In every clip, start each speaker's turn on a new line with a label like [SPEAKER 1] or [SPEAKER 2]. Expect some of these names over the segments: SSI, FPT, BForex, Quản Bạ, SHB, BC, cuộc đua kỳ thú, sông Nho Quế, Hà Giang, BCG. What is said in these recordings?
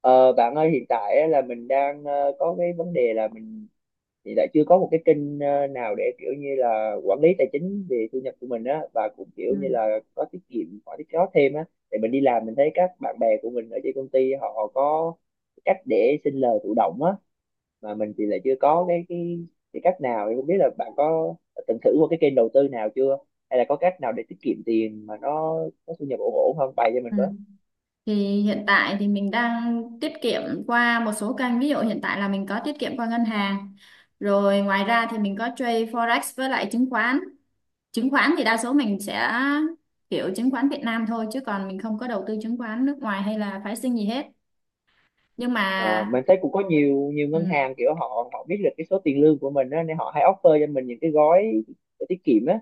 [SPEAKER 1] Ờ, Bạn ơi, hiện tại á là mình đang có cái vấn đề là mình hiện tại chưa có một cái kênh nào để kiểu như là quản lý tài chính về thu nhập của mình á, và cũng kiểu như
[SPEAKER 2] Ừ.
[SPEAKER 1] là có tiết kiệm, có tiết kiệm thêm á. Thì mình đi làm mình thấy các bạn bè của mình ở trên công ty họ có cách để sinh lời thụ động á, mà mình thì lại chưa có cái cái cách nào, thì không biết là bạn có từng thử qua cái kênh đầu tư nào chưa, hay là có cách nào để tiết kiệm tiền mà nó có thu nhập ổn ổn không, bày cho mình.
[SPEAKER 2] Ừ. Thì hiện tại thì mình đang tiết kiệm qua một số kênh, ví dụ hiện tại là mình có tiết kiệm qua ngân hàng, rồi ngoài ra thì mình có trade forex với lại chứng khoán. Chứng khoán thì đa số mình sẽ kiểu chứng khoán Việt Nam thôi, chứ còn mình không có đầu tư chứng khoán nước ngoài hay là phái sinh gì hết, nhưng mà
[SPEAKER 1] Ờ, mình thấy cũng có nhiều nhiều ngân
[SPEAKER 2] ừ,
[SPEAKER 1] hàng kiểu họ họ biết được cái số tiền lương của mình á, nên họ hay offer cho mình những cái gói tiết kiệm á,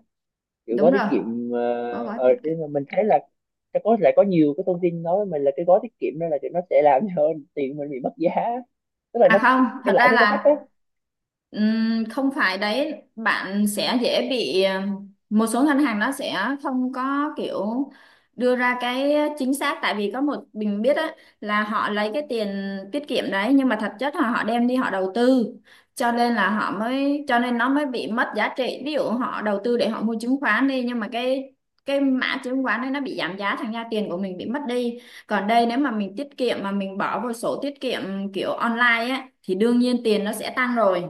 [SPEAKER 1] kiểu gói
[SPEAKER 2] đúng
[SPEAKER 1] tiết
[SPEAKER 2] rồi,
[SPEAKER 1] kiệm
[SPEAKER 2] có gói tiết
[SPEAKER 1] thế
[SPEAKER 2] kiệm.
[SPEAKER 1] mà mình thấy là sẽ có, lại có nhiều cái thông tin nói với mình là cái gói tiết kiệm đó là kiểu nó sẽ làm cho tiền mình bị mất giá, tức là
[SPEAKER 2] À
[SPEAKER 1] nó
[SPEAKER 2] không,
[SPEAKER 1] cái
[SPEAKER 2] thật
[SPEAKER 1] lãi
[SPEAKER 2] ra
[SPEAKER 1] suất nó thấp ấy.
[SPEAKER 2] là không phải đấy, bạn sẽ dễ bị một số ngân hàng nó sẽ không có kiểu đưa ra cái chính xác, tại vì có một mình biết á, là họ lấy cái tiền tiết kiệm đấy, nhưng mà thật chất là họ đem đi họ đầu tư, cho nên là họ mới, cho nên nó mới bị mất giá trị. Ví dụ họ đầu tư để họ mua chứng khoán đi, nhưng mà cái mã chứng khoán đấy nó bị giảm giá, thành ra tiền của mình bị mất đi. Còn đây, nếu mà mình tiết kiệm mà mình bỏ vào sổ tiết kiệm kiểu online á, thì đương nhiên tiền nó sẽ tăng rồi.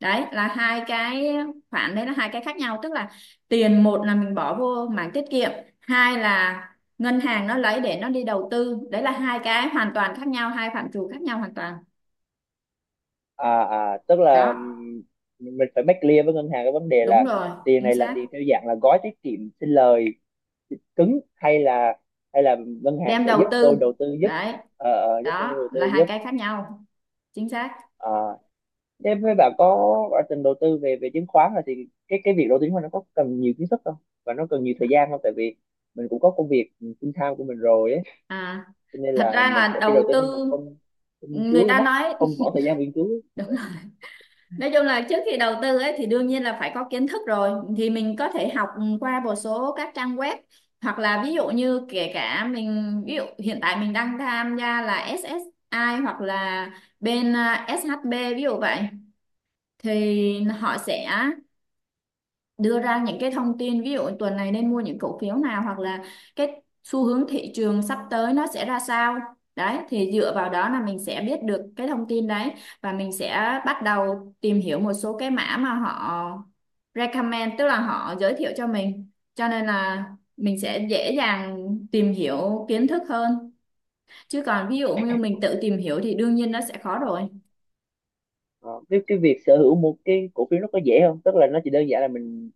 [SPEAKER 2] Đấy là hai cái khoản, đấy là hai cái khác nhau, tức là tiền, một là mình bỏ vô mảng tiết kiệm, hai là ngân hàng nó lấy để nó đi đầu tư. Đấy là hai cái hoàn toàn khác nhau, hai phạm trù khác nhau hoàn toàn.
[SPEAKER 1] À, à tức là
[SPEAKER 2] Đó,
[SPEAKER 1] mình phải make clear với ngân hàng cái vấn đề
[SPEAKER 2] đúng
[SPEAKER 1] là
[SPEAKER 2] rồi,
[SPEAKER 1] tiền
[SPEAKER 2] chính
[SPEAKER 1] này là
[SPEAKER 2] xác.
[SPEAKER 1] tiền theo dạng là gói tiết kiệm sinh lời cứng, hay là ngân hàng
[SPEAKER 2] Đem
[SPEAKER 1] sẽ giúp
[SPEAKER 2] đầu
[SPEAKER 1] tôi
[SPEAKER 2] tư.
[SPEAKER 1] đầu tư giúp.
[SPEAKER 2] Đấy,
[SPEAKER 1] Giúp tôi
[SPEAKER 2] đó
[SPEAKER 1] đầu tư
[SPEAKER 2] là hai
[SPEAKER 1] giúp.
[SPEAKER 2] cái khác nhau. Chính xác.
[SPEAKER 1] À, thế với bà có ở từng đầu tư về về chứng khoán rồi, thì cái việc đầu tư chứng khoán nó có cần nhiều kiến thức không, và nó cần nhiều thời gian không, tại vì mình cũng có công việc full time của mình rồi ấy.
[SPEAKER 2] À,
[SPEAKER 1] Cho nên
[SPEAKER 2] thật
[SPEAKER 1] là
[SPEAKER 2] ra
[SPEAKER 1] mình
[SPEAKER 2] là
[SPEAKER 1] sẽ khi đầu
[SPEAKER 2] đầu
[SPEAKER 1] tư nó
[SPEAKER 2] tư,
[SPEAKER 1] mà không không nghiên
[SPEAKER 2] người
[SPEAKER 1] cứu nó
[SPEAKER 2] ta
[SPEAKER 1] mất,
[SPEAKER 2] nói
[SPEAKER 1] không bỏ thời gian nghiên cứu ấy.
[SPEAKER 2] đúng. Nói chung là trước khi đầu tư ấy thì đương nhiên là phải có kiến thức rồi, thì mình có thể học qua một số các trang web, hoặc là ví dụ như kể cả mình, ví dụ hiện tại mình đang tham gia là SSI hoặc là bên SHB, ví dụ vậy. Thì họ sẽ đưa ra những cái thông tin, ví dụ tuần này nên mua những cổ phiếu nào, hoặc là cái xu hướng thị trường sắp tới nó sẽ ra sao. Đấy, thì dựa vào đó là mình sẽ biết được cái thông tin đấy, và mình sẽ bắt đầu tìm hiểu một số cái mã mà họ recommend, tức là họ giới thiệu cho mình, cho nên là mình sẽ dễ dàng tìm hiểu kiến thức hơn, chứ còn ví dụ như mình tự tìm hiểu thì đương nhiên nó sẽ khó rồi.
[SPEAKER 1] Ờ, cái việc sở hữu một cái cổ phiếu nó có dễ không, tức là nó chỉ đơn giản là mình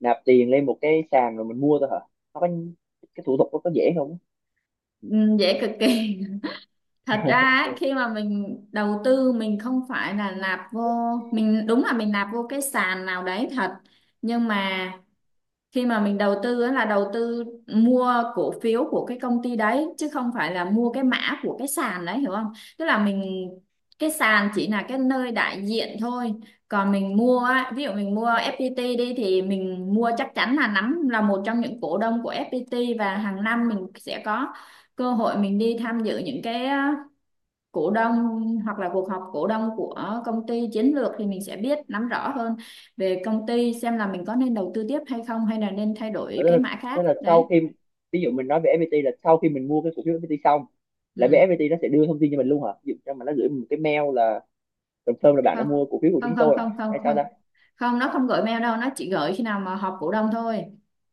[SPEAKER 1] nạp tiền lên một cái sàn rồi mình mua thôi hả? Nó có cái thủ tục nó có dễ không?
[SPEAKER 2] Ừ, dễ cực kỳ, thật ra ấy, khi mà mình đầu tư mình không phải là nạp vô, mình đúng là mình nạp vô cái sàn nào đấy thật, nhưng mà khi mà mình đầu tư ấy là đầu tư mua cổ phiếu của cái công ty đấy, chứ không phải là mua cái mã của cái sàn đấy, hiểu không? Tức là mình, cái sàn chỉ là cái nơi đại diện thôi, còn mình mua á, ví dụ mình mua FPT đi, thì mình mua chắc chắn là nắm, là một trong những cổ đông của FPT, và hàng năm mình sẽ có cơ hội mình đi tham dự những cái cổ đông hoặc là cuộc họp cổ đông của công ty chiến lược, thì mình sẽ biết nắm rõ hơn về công ty, xem là mình có nên đầu tư tiếp hay không, hay là nên thay
[SPEAKER 1] Thế
[SPEAKER 2] đổi cái
[SPEAKER 1] là,
[SPEAKER 2] mã khác.
[SPEAKER 1] thế là sau
[SPEAKER 2] Đấy,
[SPEAKER 1] khi ví dụ mình nói về FPT, là sau khi mình mua cái cổ phiếu FPT xong là bên
[SPEAKER 2] ừ.
[SPEAKER 1] FPT nó sẽ đưa thông tin cho mình luôn hả? Ví dụ cho mà nó gửi mình một cái mail là confirm là bạn đã
[SPEAKER 2] Không,
[SPEAKER 1] mua cổ phiếu của
[SPEAKER 2] không,
[SPEAKER 1] chúng
[SPEAKER 2] không,
[SPEAKER 1] tôi à?
[SPEAKER 2] không, không,
[SPEAKER 1] Hay sao
[SPEAKER 2] không.
[SPEAKER 1] ta?
[SPEAKER 2] Không, nó không gửi mail đâu, nó chỉ gửi khi nào mà họp cổ đông thôi,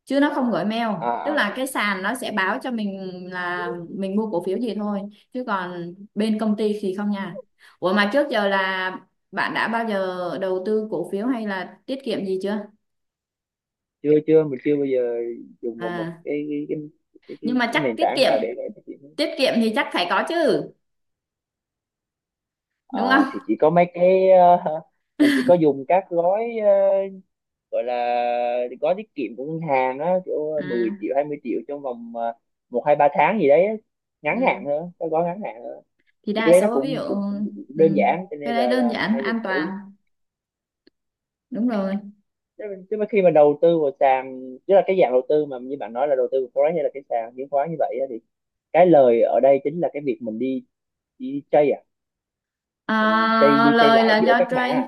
[SPEAKER 2] chứ nó không gửi mail.
[SPEAKER 1] À,
[SPEAKER 2] Tức
[SPEAKER 1] à,
[SPEAKER 2] là cái
[SPEAKER 1] à.
[SPEAKER 2] sàn nó sẽ báo cho mình là mình mua cổ phiếu gì thôi, chứ còn bên công ty thì không nha. Ủa mà trước giờ là bạn đã bao giờ đầu tư cổ phiếu hay là tiết kiệm gì chưa?
[SPEAKER 1] chưa chưa, mình chưa bao giờ dùng vào một
[SPEAKER 2] À,
[SPEAKER 1] cái cái cái cái,
[SPEAKER 2] nhưng
[SPEAKER 1] cái,
[SPEAKER 2] mà
[SPEAKER 1] cái
[SPEAKER 2] chắc
[SPEAKER 1] nền
[SPEAKER 2] tiết
[SPEAKER 1] tảng
[SPEAKER 2] kiệm,
[SPEAKER 1] nào để phát triển.
[SPEAKER 2] tiết kiệm thì chắc phải có chứ,
[SPEAKER 1] À,
[SPEAKER 2] đúng không?
[SPEAKER 1] thì chỉ có mấy cái mình chỉ có dùng các gói gọi là gói tiết kiệm của ngân hàng á, kiểu
[SPEAKER 2] À,
[SPEAKER 1] 10 triệu 20 triệu trong vòng một hai ba tháng gì đấy á. Ngắn hạn
[SPEAKER 2] ừ.
[SPEAKER 1] thôi, cái gói ngắn hạn.
[SPEAKER 2] Thì
[SPEAKER 1] Thì cái
[SPEAKER 2] đa
[SPEAKER 1] đấy nó
[SPEAKER 2] số, ví dụ,
[SPEAKER 1] cũng cũng
[SPEAKER 2] ừ,
[SPEAKER 1] đơn giản cho nên
[SPEAKER 2] cái đấy đơn
[SPEAKER 1] là mình
[SPEAKER 2] giản
[SPEAKER 1] hay dùng
[SPEAKER 2] an
[SPEAKER 1] thử
[SPEAKER 2] toàn, đúng rồi.
[SPEAKER 1] chứ, mà khi mà đầu tư vào sàn, tức là cái dạng đầu tư mà như bạn nói là đầu tư vào forex hay là cái sàn chứng khoán như vậy á, thì cái lời ở đây chính là cái việc mình đi đi chơi à, mình chơi
[SPEAKER 2] À,
[SPEAKER 1] đi chơi
[SPEAKER 2] lời
[SPEAKER 1] lại
[SPEAKER 2] là
[SPEAKER 1] giữa
[SPEAKER 2] do
[SPEAKER 1] các mã
[SPEAKER 2] trade.
[SPEAKER 1] à?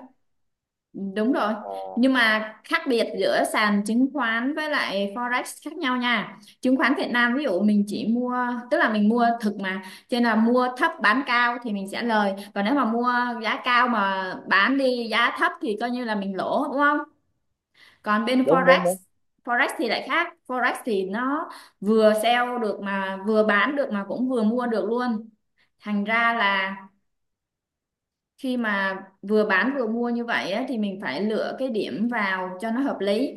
[SPEAKER 2] Đúng rồi,
[SPEAKER 1] Ờ,
[SPEAKER 2] nhưng mà khác biệt giữa sàn chứng khoán với lại forex khác nhau nha. Chứng khoán Việt Nam ví dụ mình chỉ mua, tức là mình mua thực mà, cho nên là mua thấp bán cao thì mình sẽ lời, còn nếu mà mua giá cao mà bán đi giá thấp thì coi như là mình lỗ, đúng không? Còn bên
[SPEAKER 1] đúng đúng
[SPEAKER 2] forex,
[SPEAKER 1] đúng
[SPEAKER 2] forex thì lại khác. Forex thì nó vừa sell được mà vừa bán được mà cũng vừa mua được luôn, thành ra là khi mà vừa bán vừa mua như vậy á, thì mình phải lựa cái điểm vào cho nó hợp lý.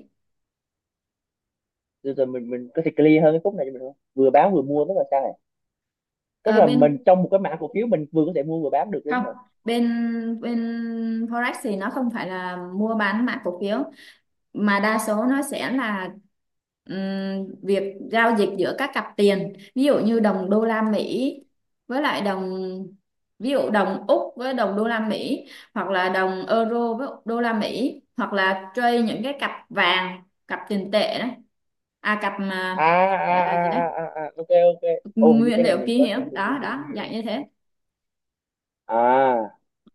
[SPEAKER 1] rồi, rồi mình có thể clear hơn cái khúc này cho mình không, vừa bán vừa mua tức là sao này, tức
[SPEAKER 2] Ờ,
[SPEAKER 1] là mình
[SPEAKER 2] bên,
[SPEAKER 1] trong một cái mã cổ phiếu mình vừa có thể mua vừa bán được
[SPEAKER 2] không,
[SPEAKER 1] đúng hả?
[SPEAKER 2] bên bên forex thì nó không phải là mua bán mã cổ phiếu, mà đa số nó sẽ là việc giao dịch giữa các cặp tiền, ví dụ như đồng đô la Mỹ với lại đồng, ví dụ đồng Úc với đồng đô la Mỹ, hoặc là đồng euro với đô la Mỹ, hoặc là trade những cái cặp vàng, cặp tiền tệ đấy. À, cặp mà
[SPEAKER 1] À à
[SPEAKER 2] gọi là gì đấy,
[SPEAKER 1] à à à, à ok, ok. Ô, hình như
[SPEAKER 2] nguyên
[SPEAKER 1] cái này
[SPEAKER 2] liệu
[SPEAKER 1] mình
[SPEAKER 2] kỳ
[SPEAKER 1] có
[SPEAKER 2] hiệu
[SPEAKER 1] sở thông tin
[SPEAKER 2] đó,
[SPEAKER 1] về cái
[SPEAKER 2] đó
[SPEAKER 1] này
[SPEAKER 2] dạng
[SPEAKER 1] rồi.
[SPEAKER 2] như thế.
[SPEAKER 1] À,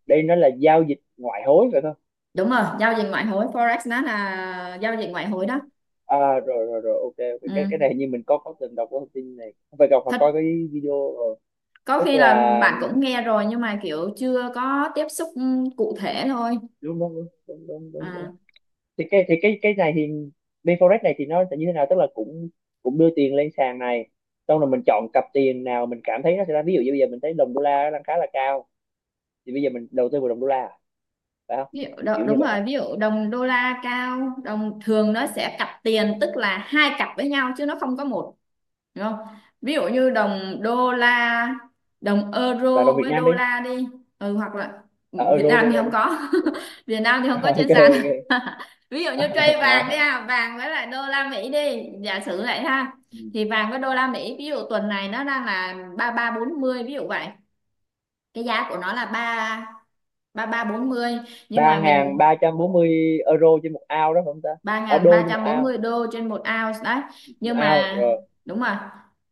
[SPEAKER 1] đây nó là giao dịch ngoại hối phải không?
[SPEAKER 2] Đúng rồi, giao dịch ngoại hối, forex nó là giao dịch ngoại hối đó.
[SPEAKER 1] À, rồi rồi rồi ok, ok, cái
[SPEAKER 2] Ừ.
[SPEAKER 1] này như mình có từng đọc cái thông tin này, không phải đọc mà
[SPEAKER 2] Thật,
[SPEAKER 1] coi cái video rồi,
[SPEAKER 2] có
[SPEAKER 1] tức
[SPEAKER 2] khi là
[SPEAKER 1] là
[SPEAKER 2] bạn cũng nghe rồi nhưng mà kiểu chưa có tiếp xúc cụ thể thôi.
[SPEAKER 1] đúng đúng đúng đúng đúng đúng, đúng.
[SPEAKER 2] À,
[SPEAKER 1] Thì cái thì cái này thì BForex này thì nó sẽ như thế nào, tức là cũng cũng đưa tiền lên sàn này xong rồi mình chọn cặp tiền nào mình cảm thấy nó sẽ ra, ví dụ như bây giờ mình thấy đồng đô la nó đang khá là cao thì bây giờ mình đầu tư vào đồng đô la à? Phải không?
[SPEAKER 2] ví dụ
[SPEAKER 1] Kiểu, kiểu như
[SPEAKER 2] đúng
[SPEAKER 1] vậy hả?
[SPEAKER 2] rồi, ví dụ đồng đô la cao, đồng thường nó sẽ cặp tiền, tức là hai cặp với nhau chứ nó không có một, đúng không? Ví dụ như đồng đô la, đồng
[SPEAKER 1] Và đồng
[SPEAKER 2] euro
[SPEAKER 1] Việt
[SPEAKER 2] với
[SPEAKER 1] Nam đi.
[SPEAKER 2] đô la đi. Ừ, hoặc là
[SPEAKER 1] À,
[SPEAKER 2] Việt
[SPEAKER 1] euro
[SPEAKER 2] Nam
[SPEAKER 1] đô
[SPEAKER 2] thì
[SPEAKER 1] ra
[SPEAKER 2] không
[SPEAKER 1] đi.
[SPEAKER 2] có Việt Nam thì không có
[SPEAKER 1] Ok,
[SPEAKER 2] trên sàn
[SPEAKER 1] ok.
[SPEAKER 2] ví dụ
[SPEAKER 1] À,
[SPEAKER 2] như trade vàng
[SPEAKER 1] à,
[SPEAKER 2] đi
[SPEAKER 1] à.
[SPEAKER 2] ha, vàng với lại đô la Mỹ đi, giả sử vậy ha.
[SPEAKER 1] Ừ.
[SPEAKER 2] Thì vàng với đô la Mỹ, ví dụ tuần này nó đang là 3340, ví dụ vậy. Cái giá của nó là ba ba ba bốn mươi, nhưng
[SPEAKER 1] Ba
[SPEAKER 2] mà
[SPEAKER 1] ngàn
[SPEAKER 2] mình,
[SPEAKER 1] ba trăm bốn mươi euro trên một ao đó phải không ta?
[SPEAKER 2] ba
[SPEAKER 1] À,
[SPEAKER 2] nghìn
[SPEAKER 1] đô
[SPEAKER 2] ba
[SPEAKER 1] trên một
[SPEAKER 2] trăm bốn
[SPEAKER 1] ao.
[SPEAKER 2] mươi đô trên một ounce đấy.
[SPEAKER 1] Một
[SPEAKER 2] Nhưng
[SPEAKER 1] ao
[SPEAKER 2] mà
[SPEAKER 1] rồi.
[SPEAKER 2] đúng rồi,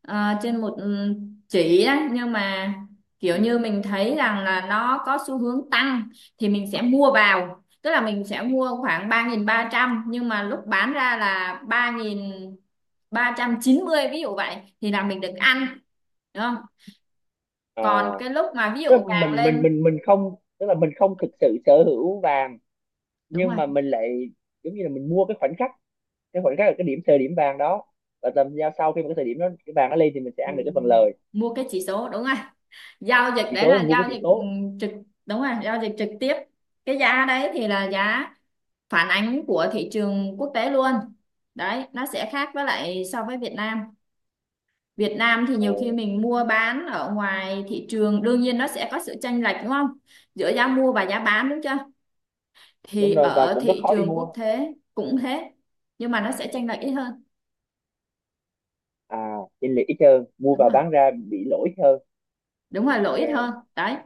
[SPEAKER 2] ờ, trên một, ừ, chỉ đấy, nhưng mà kiểu
[SPEAKER 1] Ừ.
[SPEAKER 2] như mình thấy rằng là nó có xu hướng tăng, thì mình sẽ mua vào, tức là mình sẽ mua khoảng 3.300, nhưng mà lúc bán ra là ba ba nghìn ba trăm chín mươi, ví dụ vậy thì là mình được ăn, đúng không? Còn
[SPEAKER 1] À,
[SPEAKER 2] cái lúc mà ví dụ
[SPEAKER 1] tức là
[SPEAKER 2] vàng
[SPEAKER 1] mình mình
[SPEAKER 2] lên,
[SPEAKER 1] mình mình không, tức là mình không thực sự sở hữu vàng,
[SPEAKER 2] đúng
[SPEAKER 1] nhưng
[SPEAKER 2] rồi.
[SPEAKER 1] mà mình lại giống như là mình mua cái khoảnh khắc, cái khoảnh khắc là cái điểm thời điểm vàng đó, và tầm giao sau khi mà cái thời điểm đó cái vàng nó lên thì mình sẽ
[SPEAKER 2] Ừ,
[SPEAKER 1] ăn được cái phần lời.
[SPEAKER 2] mua cái chỉ số, đúng rồi, giao dịch
[SPEAKER 1] Chỉ
[SPEAKER 2] đấy
[SPEAKER 1] số,
[SPEAKER 2] là
[SPEAKER 1] mình mua cái
[SPEAKER 2] giao
[SPEAKER 1] chỉ
[SPEAKER 2] dịch
[SPEAKER 1] số.
[SPEAKER 2] trực, đúng rồi, giao dịch trực tiếp. Cái giá đấy thì là giá phản ánh của thị trường quốc tế luôn. Đấy, nó sẽ khác với lại so với Việt Nam. Việt Nam thì
[SPEAKER 1] Ờ,
[SPEAKER 2] nhiều khi mình mua bán ở ngoài thị trường đương nhiên nó sẽ có sự chênh lệch, đúng không, giữa giá mua và giá bán, đúng chưa?
[SPEAKER 1] đúng
[SPEAKER 2] Thì
[SPEAKER 1] rồi và
[SPEAKER 2] ở
[SPEAKER 1] cũng rất
[SPEAKER 2] thị
[SPEAKER 1] khó đi
[SPEAKER 2] trường
[SPEAKER 1] mua.
[SPEAKER 2] quốc tế cũng thế, nhưng mà nó sẽ chênh lệch ít hơn.
[SPEAKER 1] À, chênh lệch ít hơn, mua
[SPEAKER 2] Đúng
[SPEAKER 1] vào
[SPEAKER 2] rồi,
[SPEAKER 1] bán ra bị lỗi hơn.
[SPEAKER 2] đúng rồi, lỗ
[SPEAKER 1] Ờ,
[SPEAKER 2] ít hơn đấy.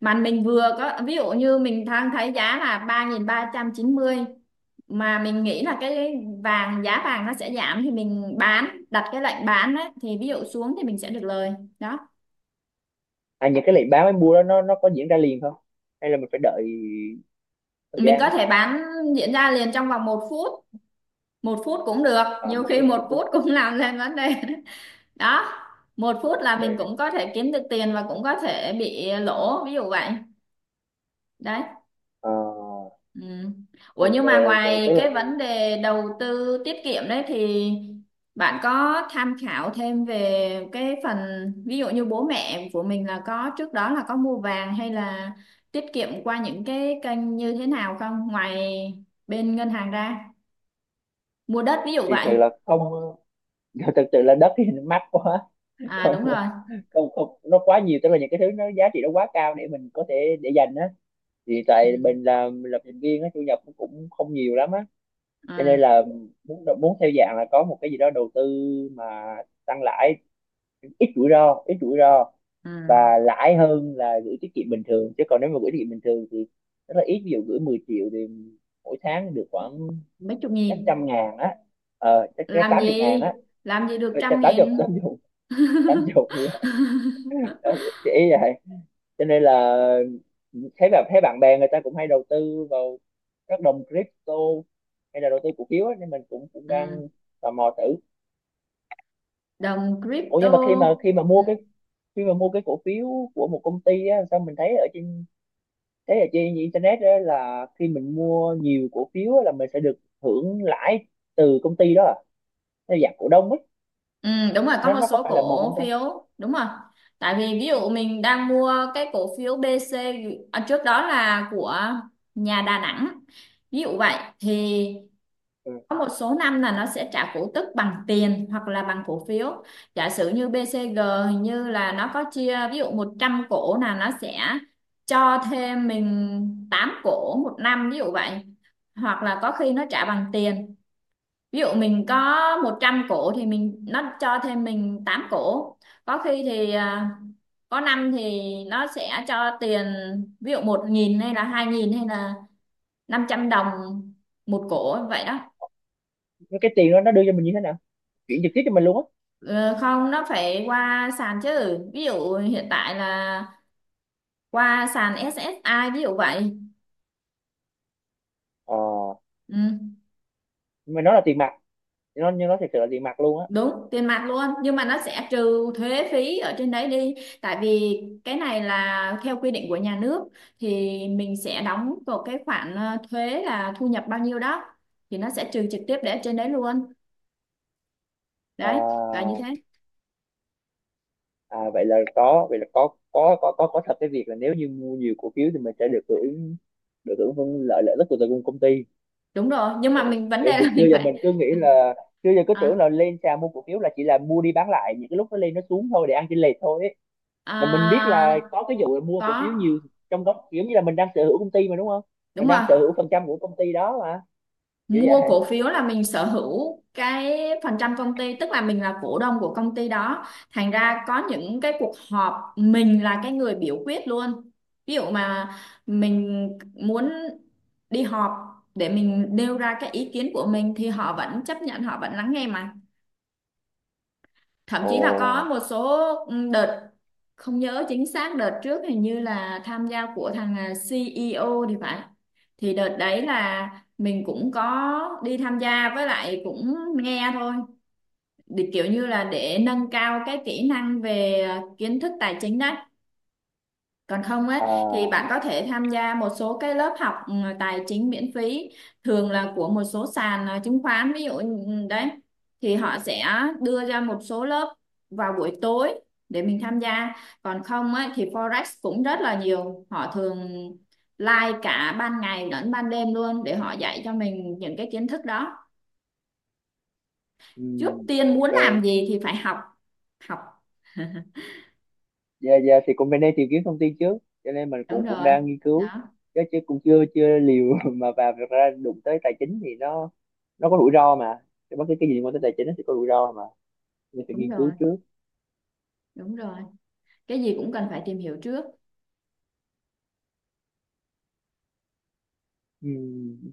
[SPEAKER 2] Mà mình vừa có ví dụ như mình đang thấy giá là ba ba nghìn ba trăm chín mươi, mà mình nghĩ là cái vàng giá vàng nó sẽ giảm, thì mình bán, đặt cái lệnh bán đấy, thì ví dụ xuống thì mình sẽ được lời. Đó,
[SPEAKER 1] à những cái lệnh bán với mua đó nó có diễn ra liền không, hay là mình phải đợi thời
[SPEAKER 2] mình
[SPEAKER 1] gian?
[SPEAKER 2] có thể bán, diễn ra liền trong vòng một phút. Một phút cũng được,
[SPEAKER 1] À,
[SPEAKER 2] nhiều
[SPEAKER 1] một
[SPEAKER 2] khi
[SPEAKER 1] phút một
[SPEAKER 2] một
[SPEAKER 1] phút.
[SPEAKER 2] phút cũng làm lên vấn đề. Đó, một phút là mình
[SPEAKER 1] Dạ.
[SPEAKER 2] cũng có thể kiếm được tiền và cũng có thể bị lỗ, ví dụ vậy. Đấy.
[SPEAKER 1] Ờ,
[SPEAKER 2] Ừ. Ủa
[SPEAKER 1] ok,
[SPEAKER 2] nhưng mà
[SPEAKER 1] ok tức
[SPEAKER 2] ngoài
[SPEAKER 1] là
[SPEAKER 2] cái
[SPEAKER 1] cái
[SPEAKER 2] vấn đề đầu tư tiết kiệm đấy thì bạn có tham khảo thêm về cái phần ví dụ như bố mẹ của mình là có trước đó là có mua vàng hay là tiết kiệm qua những cái kênh như thế nào không, ngoài bên ngân hàng ra, mua đất ví dụ
[SPEAKER 1] thì
[SPEAKER 2] vậy?
[SPEAKER 1] sự là không. Thực sự là đất thì nó mắc quá.
[SPEAKER 2] À,
[SPEAKER 1] Không,
[SPEAKER 2] đúng rồi.
[SPEAKER 1] không không, nó quá nhiều, tức là những cái thứ nó giá trị nó quá cao để mình có thể để dành á. Thì
[SPEAKER 2] Ừ.
[SPEAKER 1] tại mình là lập trình viên á, thu nhập nó cũng không nhiều lắm á, cho nên
[SPEAKER 2] À,
[SPEAKER 1] là muốn muốn theo dạng là có một cái gì đó đầu tư mà tăng lãi, ít rủi ro, ít rủi ro
[SPEAKER 2] à.
[SPEAKER 1] và lãi hơn là gửi tiết kiệm bình thường. Chứ còn nếu mà gửi tiết kiệm bình thường thì rất là ít, ví dụ gửi 10 triệu thì mỗi tháng được khoảng
[SPEAKER 2] Mấy chục
[SPEAKER 1] chắc
[SPEAKER 2] nghìn.
[SPEAKER 1] trăm ngàn á. Ờ chắc, chắc
[SPEAKER 2] Làm
[SPEAKER 1] tám chục ngàn
[SPEAKER 2] gì,
[SPEAKER 1] á.
[SPEAKER 2] được
[SPEAKER 1] Ờ, chắc
[SPEAKER 2] trăm
[SPEAKER 1] tám chục tám
[SPEAKER 2] nghìn
[SPEAKER 1] chục, tám chục. Ờ, chị ý vậy, cho nên là thấy bạn bè người ta cũng hay đầu tư vào các đồng crypto, hay là đầu tư cổ phiếu á, nên mình cũng cũng
[SPEAKER 2] Ừ.
[SPEAKER 1] đang tò mò thử.
[SPEAKER 2] Đồng
[SPEAKER 1] Ủa nhưng
[SPEAKER 2] crypto.
[SPEAKER 1] mà khi mà khi mà
[SPEAKER 2] Ừ.
[SPEAKER 1] mua cái khi mà mua cái cổ phiếu của một công ty á, sao mình thấy ở trên internet á là khi mình mua nhiều cổ phiếu á, là mình sẽ được hưởng lãi từ công ty đó à? Theo dạng cổ đông ấy.
[SPEAKER 2] Ừ, đúng rồi, có
[SPEAKER 1] nó
[SPEAKER 2] một
[SPEAKER 1] nó có
[SPEAKER 2] số
[SPEAKER 1] phải là một công
[SPEAKER 2] cổ
[SPEAKER 1] ty.
[SPEAKER 2] phiếu, đúng rồi. Tại vì ví dụ mình đang mua cái cổ phiếu BC, à, trước đó là của nhà Đà Nẵng, ví dụ vậy, thì
[SPEAKER 1] Ừ.
[SPEAKER 2] có một số năm là nó sẽ trả cổ tức bằng tiền hoặc là bằng cổ phiếu. Giả sử như BCG, hình như là nó có chia, ví dụ 100 cổ là nó sẽ cho thêm mình 8 cổ một năm, ví dụ vậy. Hoặc là có khi nó trả bằng tiền, ví dụ mình có 100 cổ thì mình, nó cho thêm mình 8 cổ. Có khi thì có năm thì nó sẽ cho tiền, ví dụ 1.000 hay là 2.000 hay là 500 đồng một cổ vậy đó.
[SPEAKER 1] Thế cái tiền đó nó đưa cho mình như thế nào, chuyển trực tiếp cho mình luôn á?
[SPEAKER 2] Ờ, không, nó phải qua sàn chứ, ví dụ hiện tại là qua sàn SSI ví dụ vậy.
[SPEAKER 1] Ờ,
[SPEAKER 2] Ừ.
[SPEAKER 1] nhưng mà nó là tiền mặt, nó nhưng nó thật sự là tiền mặt luôn á?
[SPEAKER 2] Đúng, tiền mặt luôn, nhưng mà nó sẽ trừ thuế phí ở trên đấy đi, tại vì cái này là theo quy định của nhà nước, thì mình sẽ đóng vào cái khoản thuế là thu nhập bao nhiêu đó, thì nó sẽ trừ trực tiếp để ở trên đấy luôn.
[SPEAKER 1] Ờ,
[SPEAKER 2] Đấy, là như thế.
[SPEAKER 1] à, vậy là có, vậy là có thật cái việc là nếu như mua nhiều cổ phiếu thì mình sẽ được hưởng, được hưởng phân lợi, lợi ích của từ công công ty.
[SPEAKER 2] Đúng rồi, nhưng mà mình vấn
[SPEAKER 1] Tại
[SPEAKER 2] đề
[SPEAKER 1] vì mình
[SPEAKER 2] là
[SPEAKER 1] xưa
[SPEAKER 2] mình
[SPEAKER 1] giờ
[SPEAKER 2] phải,
[SPEAKER 1] mình cứ nghĩ là xưa giờ cứ tưởng
[SPEAKER 2] à,
[SPEAKER 1] là lên sàn mua cổ phiếu là chỉ là mua đi bán lại những cái lúc nó lên nó xuống thôi để ăn chênh lệch thôi ấy. Mà mình biết là
[SPEAKER 2] à,
[SPEAKER 1] có cái vụ là mua cổ phiếu
[SPEAKER 2] có.
[SPEAKER 1] nhiều, trong đó kiểu như là mình đang sở hữu công ty mà đúng không, mình
[SPEAKER 2] Đúng
[SPEAKER 1] đang
[SPEAKER 2] rồi,
[SPEAKER 1] sở hữu phần trăm của công ty đó mà, kiểu vậy.
[SPEAKER 2] mua cổ phiếu là mình sở hữu cái phần trăm công ty, tức là mình là cổ đông của công ty đó, thành ra có những cái cuộc họp mình là cái người biểu quyết luôn. Ví dụ mà mình muốn đi họp để mình nêu ra cái ý kiến của mình thì họ vẫn chấp nhận, họ vẫn lắng nghe mà. Thậm
[SPEAKER 1] Ồ,
[SPEAKER 2] chí là có một số đợt, không nhớ chính xác đợt trước hình như là tham gia của thằng CEO thì phải. Thì đợt đấy là mình cũng có đi tham gia với lại cũng nghe thôi, để kiểu như là để nâng cao cái kỹ năng về kiến thức tài chính đấy. Còn không á thì bạn
[SPEAKER 1] à,
[SPEAKER 2] có thể tham gia một số cái lớp học tài chính miễn phí, thường là của một số sàn chứng khoán, ví dụ như- đấy. Thì họ sẽ đưa ra một số lớp vào buổi tối để mình tham gia. Còn không á thì Forex cũng rất là nhiều, họ thường live cả ban ngày lẫn ban đêm luôn để họ dạy cho mình những cái kiến thức đó.
[SPEAKER 1] ừ,
[SPEAKER 2] Trước tiên muốn
[SPEAKER 1] ok.
[SPEAKER 2] làm gì thì phải học. Học,
[SPEAKER 1] Dạ, dạ, thì cũng bên đây tìm kiếm thông tin trước. Cho nên mình
[SPEAKER 2] đúng
[SPEAKER 1] cũng cũng
[SPEAKER 2] rồi.
[SPEAKER 1] đang nghiên cứu.
[SPEAKER 2] Đó,
[SPEAKER 1] Chứ, chứ cũng chưa chưa liều mà vào, thực ra đụng tới tài chính thì nó có rủi ro mà. Thì bất cứ cái gì liên quan tới tài chính nó sẽ có rủi ro mà. Nên phải
[SPEAKER 2] đúng
[SPEAKER 1] nghiên cứu
[SPEAKER 2] rồi.
[SPEAKER 1] trước.
[SPEAKER 2] Đúng rồi, cái gì cũng cần phải tìm hiểu trước.
[SPEAKER 1] Ừ,